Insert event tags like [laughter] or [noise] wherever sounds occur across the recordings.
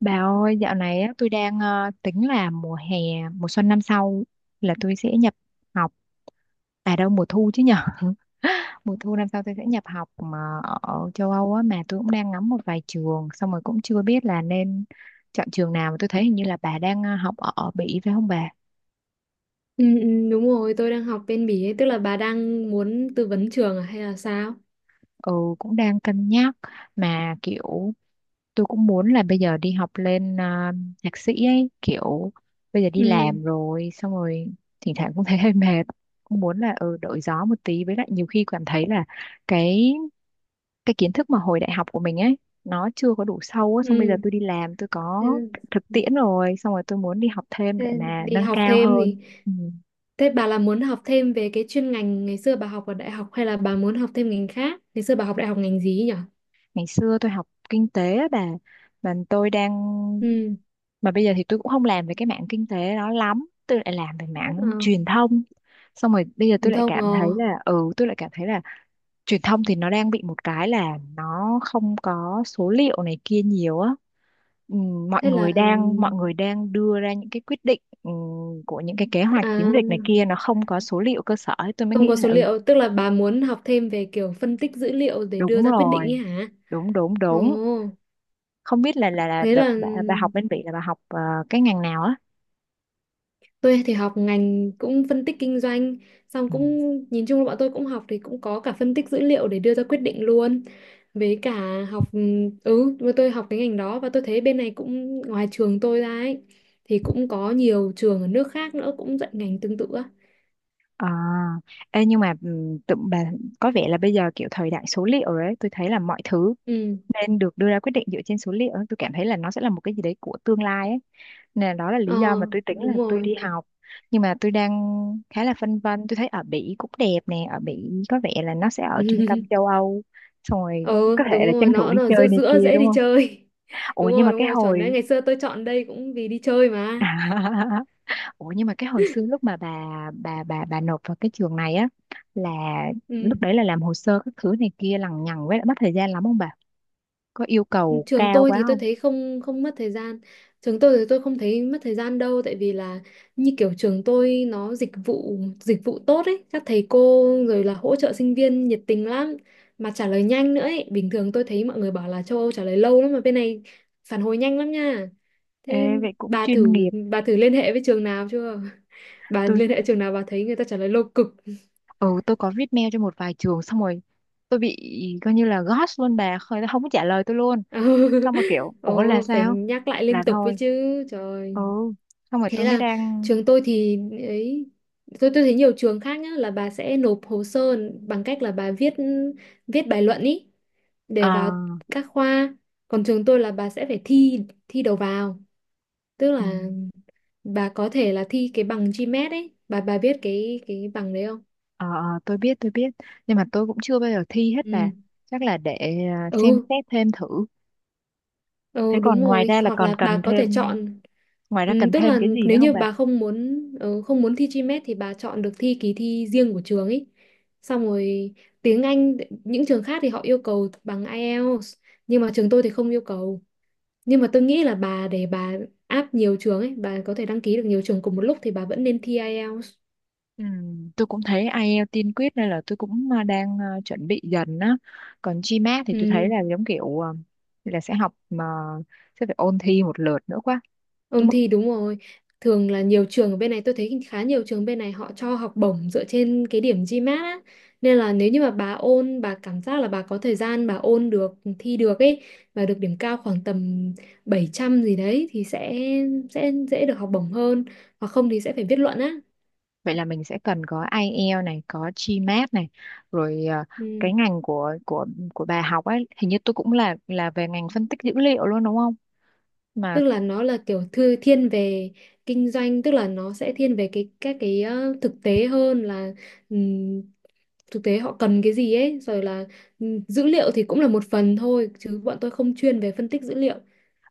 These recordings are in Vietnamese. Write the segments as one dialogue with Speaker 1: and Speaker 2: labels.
Speaker 1: Bà ơi, dạo này á, tôi đang tính là mùa hè, mùa xuân năm sau là tôi sẽ nhập học. À đâu, mùa thu chứ nhở. [laughs] Mùa thu năm sau tôi sẽ nhập học mà ở châu Âu á, mà tôi cũng đang ngắm một vài trường. Xong rồi cũng chưa biết là nên chọn trường nào. Mà tôi thấy hình như là bà đang học ở Bỉ phải không bà?
Speaker 2: Ừ, ừ, đúng rồi, tôi đang học bên Bỉ ấy, tức là bà đang muốn tư vấn trường à, hay là sao?
Speaker 1: Ừ, cũng đang cân nhắc. Mà kiểu tôi cũng muốn là bây giờ đi học lên thạc sĩ ấy, kiểu bây giờ đi
Speaker 2: Ừ,
Speaker 1: làm rồi, xong rồi thỉnh thoảng cũng thấy hơi mệt, cũng muốn là đổi gió một tí, với lại nhiều khi cảm thấy là cái cái kiến thức mà hồi đại học của mình ấy nó chưa có đủ sâu á, xong bây giờ
Speaker 2: ừ.
Speaker 1: tôi đi làm, tôi có
Speaker 2: thế,
Speaker 1: thực tiễn rồi, xong rồi tôi muốn đi học thêm để
Speaker 2: thế
Speaker 1: mà
Speaker 2: đi
Speaker 1: nâng
Speaker 2: học
Speaker 1: cao
Speaker 2: thêm
Speaker 1: hơn.
Speaker 2: thì,
Speaker 1: Ừ.
Speaker 2: thế bà là muốn học thêm về cái chuyên ngành ngày xưa bà học ở đại học hay là bà muốn học thêm ngành khác? Ngày xưa bà học đại học ngành gì ấy nhỉ?
Speaker 1: Ngày xưa tôi học kinh tế á bà, mà tôi đang
Speaker 2: Ừ,
Speaker 1: mà bây giờ thì tôi cũng không làm về cái mảng kinh tế đó lắm, tôi lại làm về
Speaker 2: ờ,
Speaker 1: mảng truyền thông, xong rồi bây giờ tôi
Speaker 2: truyền
Speaker 1: lại
Speaker 2: thông.
Speaker 1: cảm
Speaker 2: Ờ,
Speaker 1: thấy là truyền thông thì nó đang bị một cái là nó không có số liệu này kia nhiều á. Ừ, mọi
Speaker 2: Thế là,
Speaker 1: người đang mọi người đang đưa ra những cái quyết định, của những cái kế
Speaker 2: à,
Speaker 1: hoạch, chiến dịch này kia, nó không có số liệu cơ sở ấy. Tôi mới
Speaker 2: không
Speaker 1: nghĩ
Speaker 2: có
Speaker 1: là
Speaker 2: số liệu, tức là bà muốn học thêm về kiểu phân tích dữ liệu để
Speaker 1: đúng
Speaker 2: đưa ra quyết định ấy
Speaker 1: rồi,
Speaker 2: hả?
Speaker 1: đúng, đúng,
Speaker 2: Ồ,
Speaker 1: đúng. Không biết là
Speaker 2: thế
Speaker 1: đợt
Speaker 2: là,
Speaker 1: bà học bên Bỉ là bà học cái ngành nào á.
Speaker 2: tôi thì học ngành cũng phân tích kinh doanh, xong
Speaker 1: Ừ.
Speaker 2: cũng nhìn chung là bọn tôi cũng học thì cũng có cả phân tích dữ liệu để đưa ra quyết định luôn. Với cả học, mà tôi học cái ngành đó và tôi thấy bên này cũng ngoài trường tôi ra ấy thì cũng có nhiều trường ở nước khác nữa cũng dạy ngành tương tự á.
Speaker 1: à, nhưng mà tụi bà có vẻ là bây giờ kiểu thời đại số liệu rồi ấy, tôi thấy là mọi thứ
Speaker 2: Ừ.
Speaker 1: nên được đưa ra quyết định dựa trên số liệu ấy. Tôi cảm thấy là nó sẽ là một cái gì đấy của tương lai ấy, nên là đó là lý
Speaker 2: Ờ,
Speaker 1: do mà tôi tính là
Speaker 2: đúng
Speaker 1: tôi đi
Speaker 2: rồi.
Speaker 1: học. Nhưng mà tôi đang khá là phân vân. Tôi thấy ở Bỉ cũng đẹp nè, ở Bỉ có vẻ là nó sẽ ở trung tâm châu
Speaker 2: [laughs]
Speaker 1: Âu, xong rồi
Speaker 2: Ờ,
Speaker 1: có thể
Speaker 2: đúng
Speaker 1: là tranh
Speaker 2: rồi,
Speaker 1: thủ
Speaker 2: nó
Speaker 1: đi
Speaker 2: nó ở
Speaker 1: chơi
Speaker 2: giữa
Speaker 1: này
Speaker 2: giữa
Speaker 1: kia
Speaker 2: dễ
Speaker 1: đúng
Speaker 2: đi
Speaker 1: không.
Speaker 2: chơi. [laughs]
Speaker 1: Ủa nhưng mà
Speaker 2: Đúng
Speaker 1: cái
Speaker 2: rồi, chuẩn đấy.
Speaker 1: hồi
Speaker 2: Ngày xưa tôi chọn đây cũng vì đi chơi mà.
Speaker 1: [laughs] Ủa nhưng mà cái hồi xưa lúc mà bà nộp vào cái trường này á, là
Speaker 2: Ừ.
Speaker 1: lúc đấy là làm hồ sơ các thứ này kia lằng nhằng, với lại mất thời gian lắm không bà? Có yêu cầu
Speaker 2: Trường
Speaker 1: cao
Speaker 2: tôi
Speaker 1: quá
Speaker 2: thì tôi
Speaker 1: không?
Speaker 2: thấy không không mất thời gian, trường tôi thì tôi không thấy mất thời gian đâu, tại vì là như kiểu trường tôi nó dịch vụ tốt ấy, các thầy cô rồi là hỗ trợ sinh viên nhiệt tình lắm mà trả lời nhanh nữa ấy, bình thường tôi thấy mọi người bảo là châu Âu trả lời lâu lắm mà bên này phản hồi nhanh lắm nha. Thế
Speaker 1: Ê, vậy
Speaker 2: nên
Speaker 1: cũng
Speaker 2: bà
Speaker 1: chuyên
Speaker 2: thử
Speaker 1: nghiệp.
Speaker 2: bà thử liên hệ với trường nào chưa? [laughs] bà
Speaker 1: Tôi
Speaker 2: liên hệ trường nào bà thấy người ta trả lời lâu cực?
Speaker 1: ừ tôi có viết mail cho một vài trường, xong rồi tôi bị coi như là ghost luôn bà, không không có trả lời tôi luôn. Xong rồi
Speaker 2: [laughs]
Speaker 1: kiểu ủa là
Speaker 2: ồ, phải
Speaker 1: sao?
Speaker 2: nhắc lại liên
Speaker 1: Là
Speaker 2: tục với
Speaker 1: thôi.
Speaker 2: chứ trời.
Speaker 1: Ừ, xong rồi
Speaker 2: Thế
Speaker 1: tôi mới
Speaker 2: là
Speaker 1: đang
Speaker 2: trường tôi thì ấy, tôi thấy nhiều trường khác nhá, là bà sẽ nộp hồ sơ bằng cách là bà viết viết bài luận ý để vào
Speaker 1: à
Speaker 2: các khoa, còn trường tôi là bà sẽ phải thi thi đầu vào. Tức
Speaker 1: ừ.
Speaker 2: là bà có thể là thi cái bằng GMAT ấy bà biết cái bằng đấy không?
Speaker 1: Ờ, ờ, tôi biết tôi biết, nhưng mà tôi cũng chưa bao giờ thi hết, là
Speaker 2: Ừ,
Speaker 1: chắc là để xem
Speaker 2: ừ.
Speaker 1: xét thêm thử. Thế
Speaker 2: Ừ, đúng
Speaker 1: còn
Speaker 2: rồi, hoặc là bà có thể chọn,
Speaker 1: ngoài ra cần
Speaker 2: tức
Speaker 1: thêm
Speaker 2: là
Speaker 1: cái gì nữa
Speaker 2: nếu
Speaker 1: không
Speaker 2: như
Speaker 1: bà?
Speaker 2: bà không muốn thi GMAT thì bà chọn được thi kỳ thi riêng của trường ấy, xong rồi tiếng Anh, những trường khác thì họ yêu cầu bằng IELTS, nhưng mà trường tôi thì không yêu cầu. Nhưng mà tôi nghĩ là bà, để bà áp nhiều trường ấy, bà có thể đăng ký được nhiều trường cùng một lúc thì bà vẫn nên thi IELTS.
Speaker 1: Ừ, tôi cũng thấy IELTS tiên quyết nên là tôi cũng đang chuẩn bị dần á. Còn GMAT thì tôi
Speaker 2: Ừ.
Speaker 1: thấy là giống kiểu là sẽ học mà sẽ phải ôn thi một lượt nữa quá
Speaker 2: Ôn
Speaker 1: đúng không.
Speaker 2: thi đúng rồi. Thường là nhiều trường ở bên này, tôi thấy khá nhiều trường bên này họ cho học bổng dựa trên cái điểm GMAT á. Nên là nếu như mà bà ôn, bà cảm giác là bà có thời gian bà ôn được, thi được ấy, và được điểm cao khoảng tầm 700 gì đấy thì sẽ dễ được học bổng hơn. Hoặc không thì sẽ phải viết luận á.
Speaker 1: Vậy là mình sẽ cần có IELTS này, có GMAT này, rồi
Speaker 2: Ừ.
Speaker 1: cái ngành của bà học ấy hình như tôi cũng là về ngành phân tích dữ liệu luôn đúng không mà.
Speaker 2: Tức là nó là kiểu thư thiên về kinh doanh, tức là nó sẽ thiên về cái các cái, thực tế hơn là, ừm, thực tế họ cần cái gì ấy, rồi là dữ liệu thì cũng là một phần thôi chứ bọn tôi không chuyên về phân tích dữ liệu.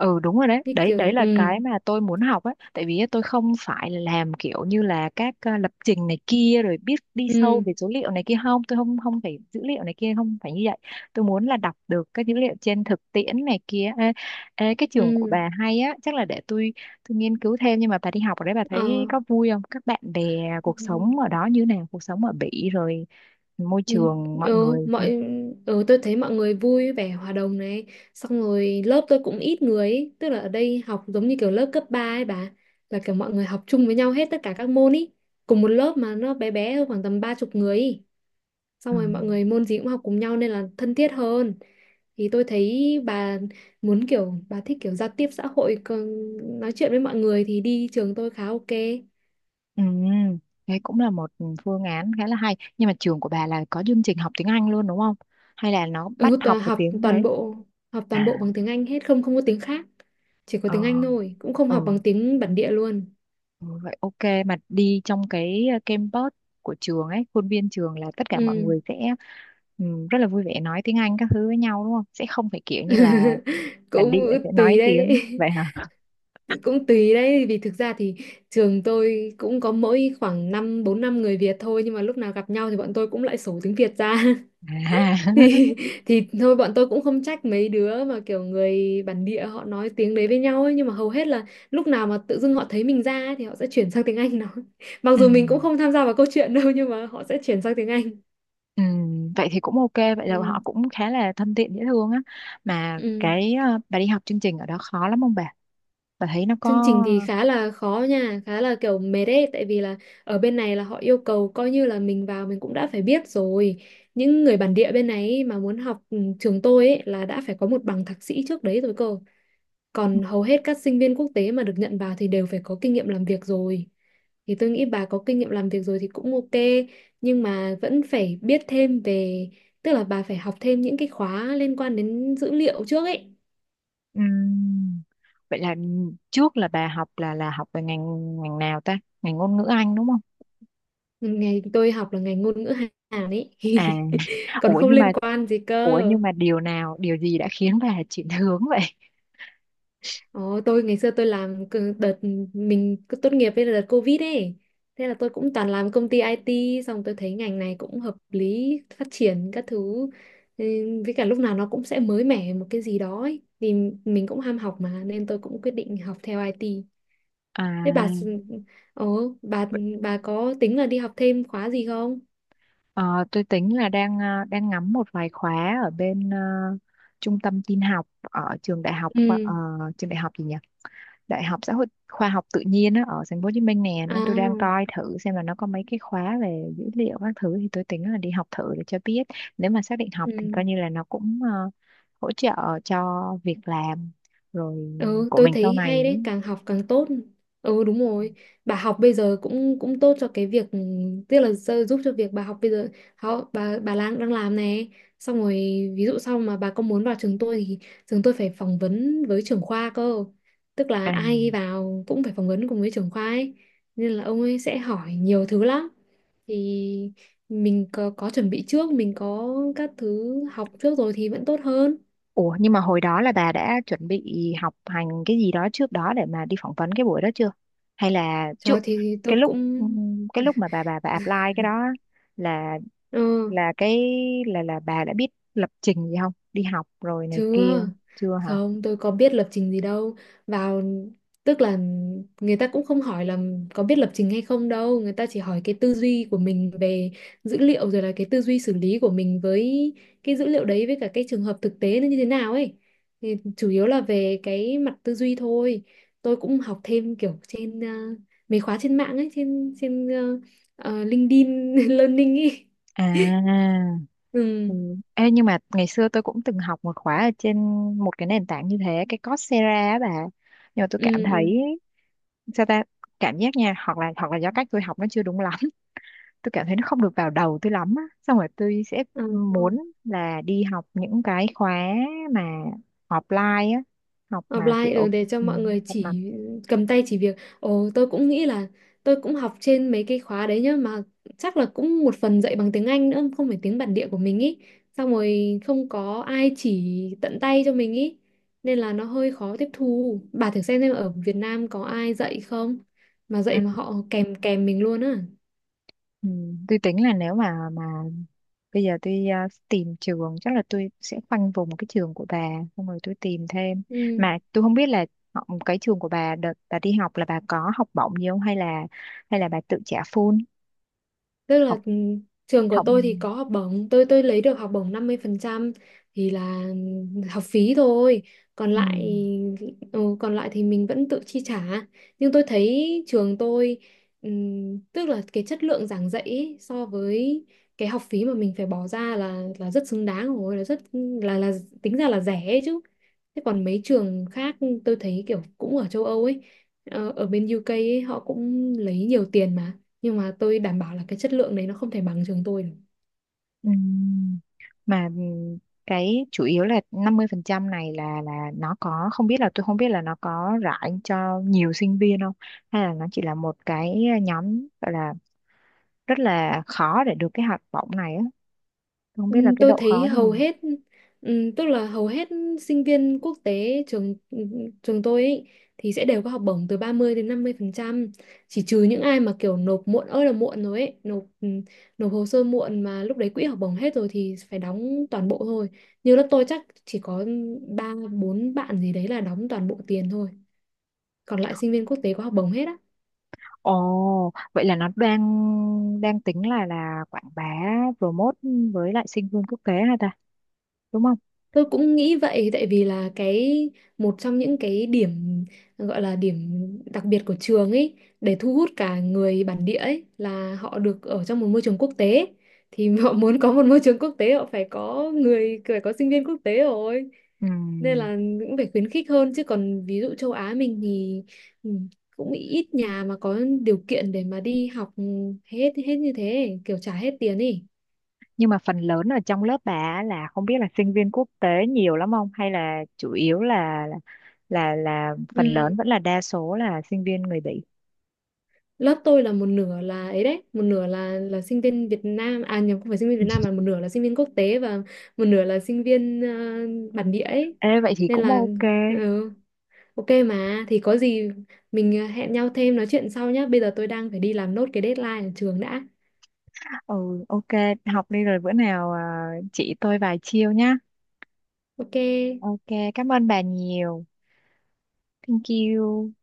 Speaker 1: Ừ, đúng rồi, đấy,
Speaker 2: Như
Speaker 1: đấy, đấy
Speaker 2: kiểu,
Speaker 1: là
Speaker 2: ừ,
Speaker 1: cái mà tôi muốn học ấy, tại vì tôi không phải là làm kiểu như là các lập trình này kia rồi biết đi sâu
Speaker 2: ừ,
Speaker 1: về số liệu này kia không, tôi không không phải dữ liệu này kia, không phải như vậy. Tôi muốn là đọc được các dữ liệu trên thực tiễn này kia. Ê, ê, Cái trường của
Speaker 2: ừ,
Speaker 1: bà hay á, chắc là để tôi nghiên cứu thêm. Nhưng mà bà đi học ở đấy bà
Speaker 2: ờ.
Speaker 1: thấy có vui không, các bạn bè, cuộc sống ở đó như nào, cuộc sống ở Bỉ rồi môi
Speaker 2: Nhìn,
Speaker 1: trường mọi
Speaker 2: ừ,
Speaker 1: người.
Speaker 2: mọi Ừ, tôi thấy mọi người vui vẻ hòa đồng này, xong rồi lớp tôi cũng ít người ấy. Tức là ở đây học giống như kiểu lớp cấp 3 ấy bà, là kiểu mọi người học chung với nhau hết tất cả các môn ý, cùng một lớp mà nó bé bé thôi, khoảng tầm 30 người ý. Xong
Speaker 1: Ừ.
Speaker 2: rồi mọi người môn gì cũng học cùng nhau nên là thân thiết hơn. Thì tôi thấy bà muốn kiểu bà thích kiểu giao tiếp xã hội, còn nói chuyện với mọi người thì đi trường tôi khá ok.
Speaker 1: Ừ, thế cũng là một phương án khá là hay. Nhưng mà trường của bà là có chương trình học tiếng Anh luôn đúng không? Hay là nó bắt
Speaker 2: Ừ,
Speaker 1: học
Speaker 2: toàn
Speaker 1: vào
Speaker 2: học
Speaker 1: tiếng
Speaker 2: toàn
Speaker 1: đấy?
Speaker 2: bộ, học toàn bộ
Speaker 1: À,
Speaker 2: bằng tiếng Anh hết, không không có tiếng khác, chỉ có tiếng Anh
Speaker 1: ờ,
Speaker 2: thôi, cũng không
Speaker 1: ừ,
Speaker 2: học bằng tiếng bản địa luôn.
Speaker 1: ừ, vậy ok. Mà đi trong cái campus của trường ấy, khuôn viên trường, là tất cả mọi
Speaker 2: Ừ.
Speaker 1: người sẽ ừ, rất là vui vẻ nói tiếng Anh các thứ với nhau đúng không? Sẽ không phải kiểu như là
Speaker 2: [laughs]
Speaker 1: bản
Speaker 2: cũng
Speaker 1: địa sẽ nói
Speaker 2: tùy đấy.
Speaker 1: tiếng vậy hả?
Speaker 2: [laughs] cũng tùy đấy vì thực ra thì trường tôi cũng có mỗi khoảng năm bốn năm người Việt thôi, nhưng mà lúc nào gặp nhau thì bọn tôi cũng lại sổ tiếng Việt ra.
Speaker 1: À,
Speaker 2: [laughs] thì
Speaker 1: [laughs]
Speaker 2: [laughs] thì thôi, bọn tôi cũng không trách mấy đứa mà kiểu người bản địa họ nói tiếng đấy với nhau ấy, nhưng mà hầu hết là lúc nào mà tự dưng họ thấy mình ra ấy, thì họ sẽ chuyển sang tiếng Anh nói. [laughs] mặc
Speaker 1: ừ.
Speaker 2: dù mình cũng không tham gia vào câu chuyện đâu nhưng mà họ sẽ chuyển sang tiếng Anh.
Speaker 1: Ừ, vậy thì cũng ok, vậy là họ
Speaker 2: Ừ.
Speaker 1: cũng khá là thân thiện, dễ thương á. Mà
Speaker 2: Ừ.
Speaker 1: cái bà đi học chương trình ở đó khó lắm không bà thấy nó có.
Speaker 2: Chương trình thì khá là khó nha, khá là kiểu mệt ấy, tại vì là ở bên này là họ yêu cầu coi như là mình vào mình cũng đã phải biết rồi, những người bản địa bên này ấy mà muốn học, trường tôi ấy, là đã phải có một bằng thạc sĩ trước đấy rồi cơ. Còn hầu hết các sinh viên quốc tế mà được nhận vào thì đều phải có kinh nghiệm làm việc rồi. Thì tôi nghĩ bà có kinh nghiệm làm việc rồi thì cũng ok, nhưng mà vẫn phải biết thêm về, tức là bà phải học thêm những cái khóa liên quan đến dữ liệu trước ấy.
Speaker 1: Ừm, vậy là trước là bà học là học về ngành ngành nào ta, ngành ngôn ngữ Anh đúng không.
Speaker 2: Ngày tôi học là ngành ngôn ngữ Hàn ấy,
Speaker 1: À
Speaker 2: [laughs]
Speaker 1: [laughs]
Speaker 2: còn
Speaker 1: ủa
Speaker 2: không
Speaker 1: nhưng mà,
Speaker 2: liên quan gì cơ.
Speaker 1: điều gì đã khiến bà [laughs] chuyển hướng vậy?
Speaker 2: Ồ, tôi ngày xưa tôi đợt mình cứ tốt nghiệp với đợt Covid ấy. Thế là tôi cũng toàn làm công ty IT, xong tôi thấy ngành này cũng hợp lý, phát triển các thứ. Ừ, với cả lúc nào nó cũng sẽ mới mẻ một cái gì đó ấy. Thì mình cũng ham học mà, nên tôi cũng quyết định học theo IT. Thế bà
Speaker 1: à
Speaker 2: s- Ồ, bà có tính là đi học thêm khóa gì không?
Speaker 1: ờ, tôi tính là đang ngắm một vài khóa ở bên trung tâm tin học ở trường đại học
Speaker 2: Ừ.
Speaker 1: ờ, trường đại học gì nhỉ. Đại học Xã hội Khoa học Tự nhiên á, ở thành phố Hồ Chí Minh nè,
Speaker 2: À.
Speaker 1: nên tôi đang coi thử xem là nó có mấy cái khóa về dữ liệu các thứ, thì tôi tính là đi học thử để cho biết, nếu mà xác định học thì
Speaker 2: Ừ.
Speaker 1: coi như là nó cũng hỗ trợ cho việc làm rồi,
Speaker 2: Ừ,
Speaker 1: của
Speaker 2: tôi
Speaker 1: mình sau
Speaker 2: thấy
Speaker 1: này.
Speaker 2: hay đấy, càng học càng tốt. Ừ, đúng rồi. Bà học bây giờ cũng cũng tốt cho cái việc, tức là giúp cho việc bà học bây giờ, họ, bà đang đang làm này. Xong rồi ví dụ sau mà bà có muốn vào trường tôi thì trường tôi phải phỏng vấn với trưởng khoa cơ. Tức là
Speaker 1: À.
Speaker 2: ai vào cũng phải phỏng vấn cùng với trưởng khoa ấy. Nên là ông ấy sẽ hỏi nhiều thứ lắm. Thì mình có chuẩn bị trước, mình có các thứ học trước rồi thì vẫn tốt hơn.
Speaker 1: Ủa nhưng mà hồi đó là bà đã chuẩn bị học hành cái gì đó trước đó để mà đi phỏng vấn cái buổi đó chưa? Hay là
Speaker 2: Trời ơi,
Speaker 1: trước
Speaker 2: thì tôi
Speaker 1: cái lúc
Speaker 2: cũng.
Speaker 1: ừm, cái lúc mà bà apply cái đó á, là
Speaker 2: Ừ.
Speaker 1: là cái là bà đã biết lập trình gì không? Đi học rồi này kia
Speaker 2: Chưa,
Speaker 1: chưa hả?
Speaker 2: không, tôi có biết lập trình gì đâu. Vào, tức là người ta cũng không hỏi là có biết lập trình hay không đâu. Người ta chỉ hỏi cái tư duy của mình về dữ liệu, rồi là cái tư duy xử lý của mình với cái dữ liệu đấy, với cả cái trường hợp thực tế nó như thế nào ấy. Thì chủ yếu là về cái mặt tư duy thôi. Tôi cũng học thêm kiểu trên, mấy khóa trên mạng ấy, trên trên LinkedIn [laughs] Learning ấy.
Speaker 1: À.
Speaker 2: Ừ,
Speaker 1: Ừ. Ê, nhưng mà ngày xưa tôi cũng từng học một khóa ở trên một cái nền tảng như thế, cái Coursera á bà. Nhưng mà tôi cảm
Speaker 2: ừ, ừ.
Speaker 1: thấy sao ta, cảm giác nha, hoặc là do cách tôi học nó chưa đúng lắm. Tôi cảm thấy nó không được vào đầu tôi lắm á, xong rồi tôi sẽ
Speaker 2: Ừ.
Speaker 1: muốn là đi học những cái khóa mà offline á, học mà
Speaker 2: Offline,
Speaker 1: kiểu
Speaker 2: để cho
Speaker 1: ừ,
Speaker 2: mọi người
Speaker 1: học mà
Speaker 2: chỉ cầm tay chỉ việc. Ồ, tôi cũng nghĩ là tôi cũng học trên mấy cái khóa đấy nhá, mà chắc là cũng một phần dạy bằng tiếng Anh nữa, không phải tiếng bản địa của mình ý. Xong rồi không có ai chỉ tận tay cho mình ý. Nên là nó hơi khó tiếp thu. Bà thử xem ở Việt Nam có ai dạy không? Mà
Speaker 1: ừ,
Speaker 2: dạy mà họ kèm kèm mình luôn á.
Speaker 1: ừ. Tôi tính là nếu mà bây giờ tôi tìm trường, chắc là tôi sẽ khoanh vùng cái trường của bà, xong rồi tôi tìm thêm.
Speaker 2: Ừ.
Speaker 1: Mà tôi không biết là cái trường của bà đợt bà đi học là bà có học bổng gì không, hay là bà tự trả full
Speaker 2: Tức là,
Speaker 1: học
Speaker 2: trường của
Speaker 1: học
Speaker 2: tôi thì có học bổng, tôi lấy được học bổng 50% thì là học phí thôi, còn
Speaker 1: Ừ.
Speaker 2: lại, còn lại thì mình vẫn tự chi trả. Nhưng tôi thấy trường tôi, tức là cái chất lượng giảng dạy ấy, so với cái học phí mà mình phải bỏ ra là rất xứng đáng rồi, là rất là tính ra là rẻ ấy chứ. Thế còn mấy trường khác tôi thấy kiểu cũng ở châu Âu ấy, ở bên UK ấy, họ cũng lấy nhiều tiền nhưng mà tôi đảm bảo là cái chất lượng đấy nó không thể bằng trường tôi được.
Speaker 1: Ừm, mà cái chủ yếu là 50% này là nó có, không biết là, tôi không biết là nó có rải cho nhiều sinh viên không, hay là nó chỉ là một cái nhóm, gọi là rất là khó để được cái học bổng này á. Tôi không biết là cái
Speaker 2: Tôi
Speaker 1: độ
Speaker 2: thấy
Speaker 1: khó như
Speaker 2: hầu
Speaker 1: nào.
Speaker 2: hết, tức là hầu hết sinh viên quốc tế trường tôi ấy, thì sẽ đều có học bổng từ 30 đến 50%, chỉ trừ những ai mà kiểu nộp muộn ơi là muộn rồi ấy, nộp nộp hồ sơ muộn mà lúc đấy quỹ học bổng hết rồi thì phải đóng toàn bộ thôi. Như lớp tôi chắc chỉ có ba bốn bạn gì đấy là đóng toàn bộ tiền thôi, còn lại sinh viên quốc tế có học bổng hết á.
Speaker 1: Ồ, vậy là nó đang đang tính là quảng bá, promote, với lại sinh viên quốc tế hả ta, đúng không?
Speaker 2: Tôi cũng nghĩ vậy, tại vì là cái một trong những cái điểm gọi là điểm đặc biệt của trường ấy để thu hút cả người bản địa ấy là họ được ở trong một môi trường quốc tế. Thì [laughs] họ muốn có một môi trường quốc tế họ phải có người, phải có sinh viên quốc tế rồi, nên
Speaker 1: Ừm.
Speaker 2: là cũng phải khuyến khích hơn chứ còn ví dụ châu Á mình thì, ừ, cũng ít nhà mà có điều kiện để mà đi học hết hết như thế kiểu trả hết tiền ấy.
Speaker 1: Nhưng mà phần lớn ở trong lớp bà á là không biết là sinh viên quốc tế nhiều lắm không, hay là chủ yếu là phần lớn
Speaker 2: Ừ,
Speaker 1: vẫn là đa số là sinh viên người Bỉ.
Speaker 2: lớp tôi là một nửa là ấy đấy, một nửa là sinh viên Việt Nam, à nhầm, không phải sinh viên Việt Nam, mà một nửa là sinh viên quốc tế và một nửa là sinh viên, bản địa ấy,
Speaker 1: Ê, vậy thì
Speaker 2: nên
Speaker 1: cũng
Speaker 2: là,
Speaker 1: ok.
Speaker 2: ừ, ok mà thì có gì mình, hẹn nhau thêm nói chuyện sau nhá, bây giờ tôi đang phải đi làm nốt cái deadline ở trường đã.
Speaker 1: Ừ, ok, học đi rồi bữa nào chỉ tôi vài chiêu nhá.
Speaker 2: Ok.
Speaker 1: Ok. Cảm ơn bà nhiều. Thank you.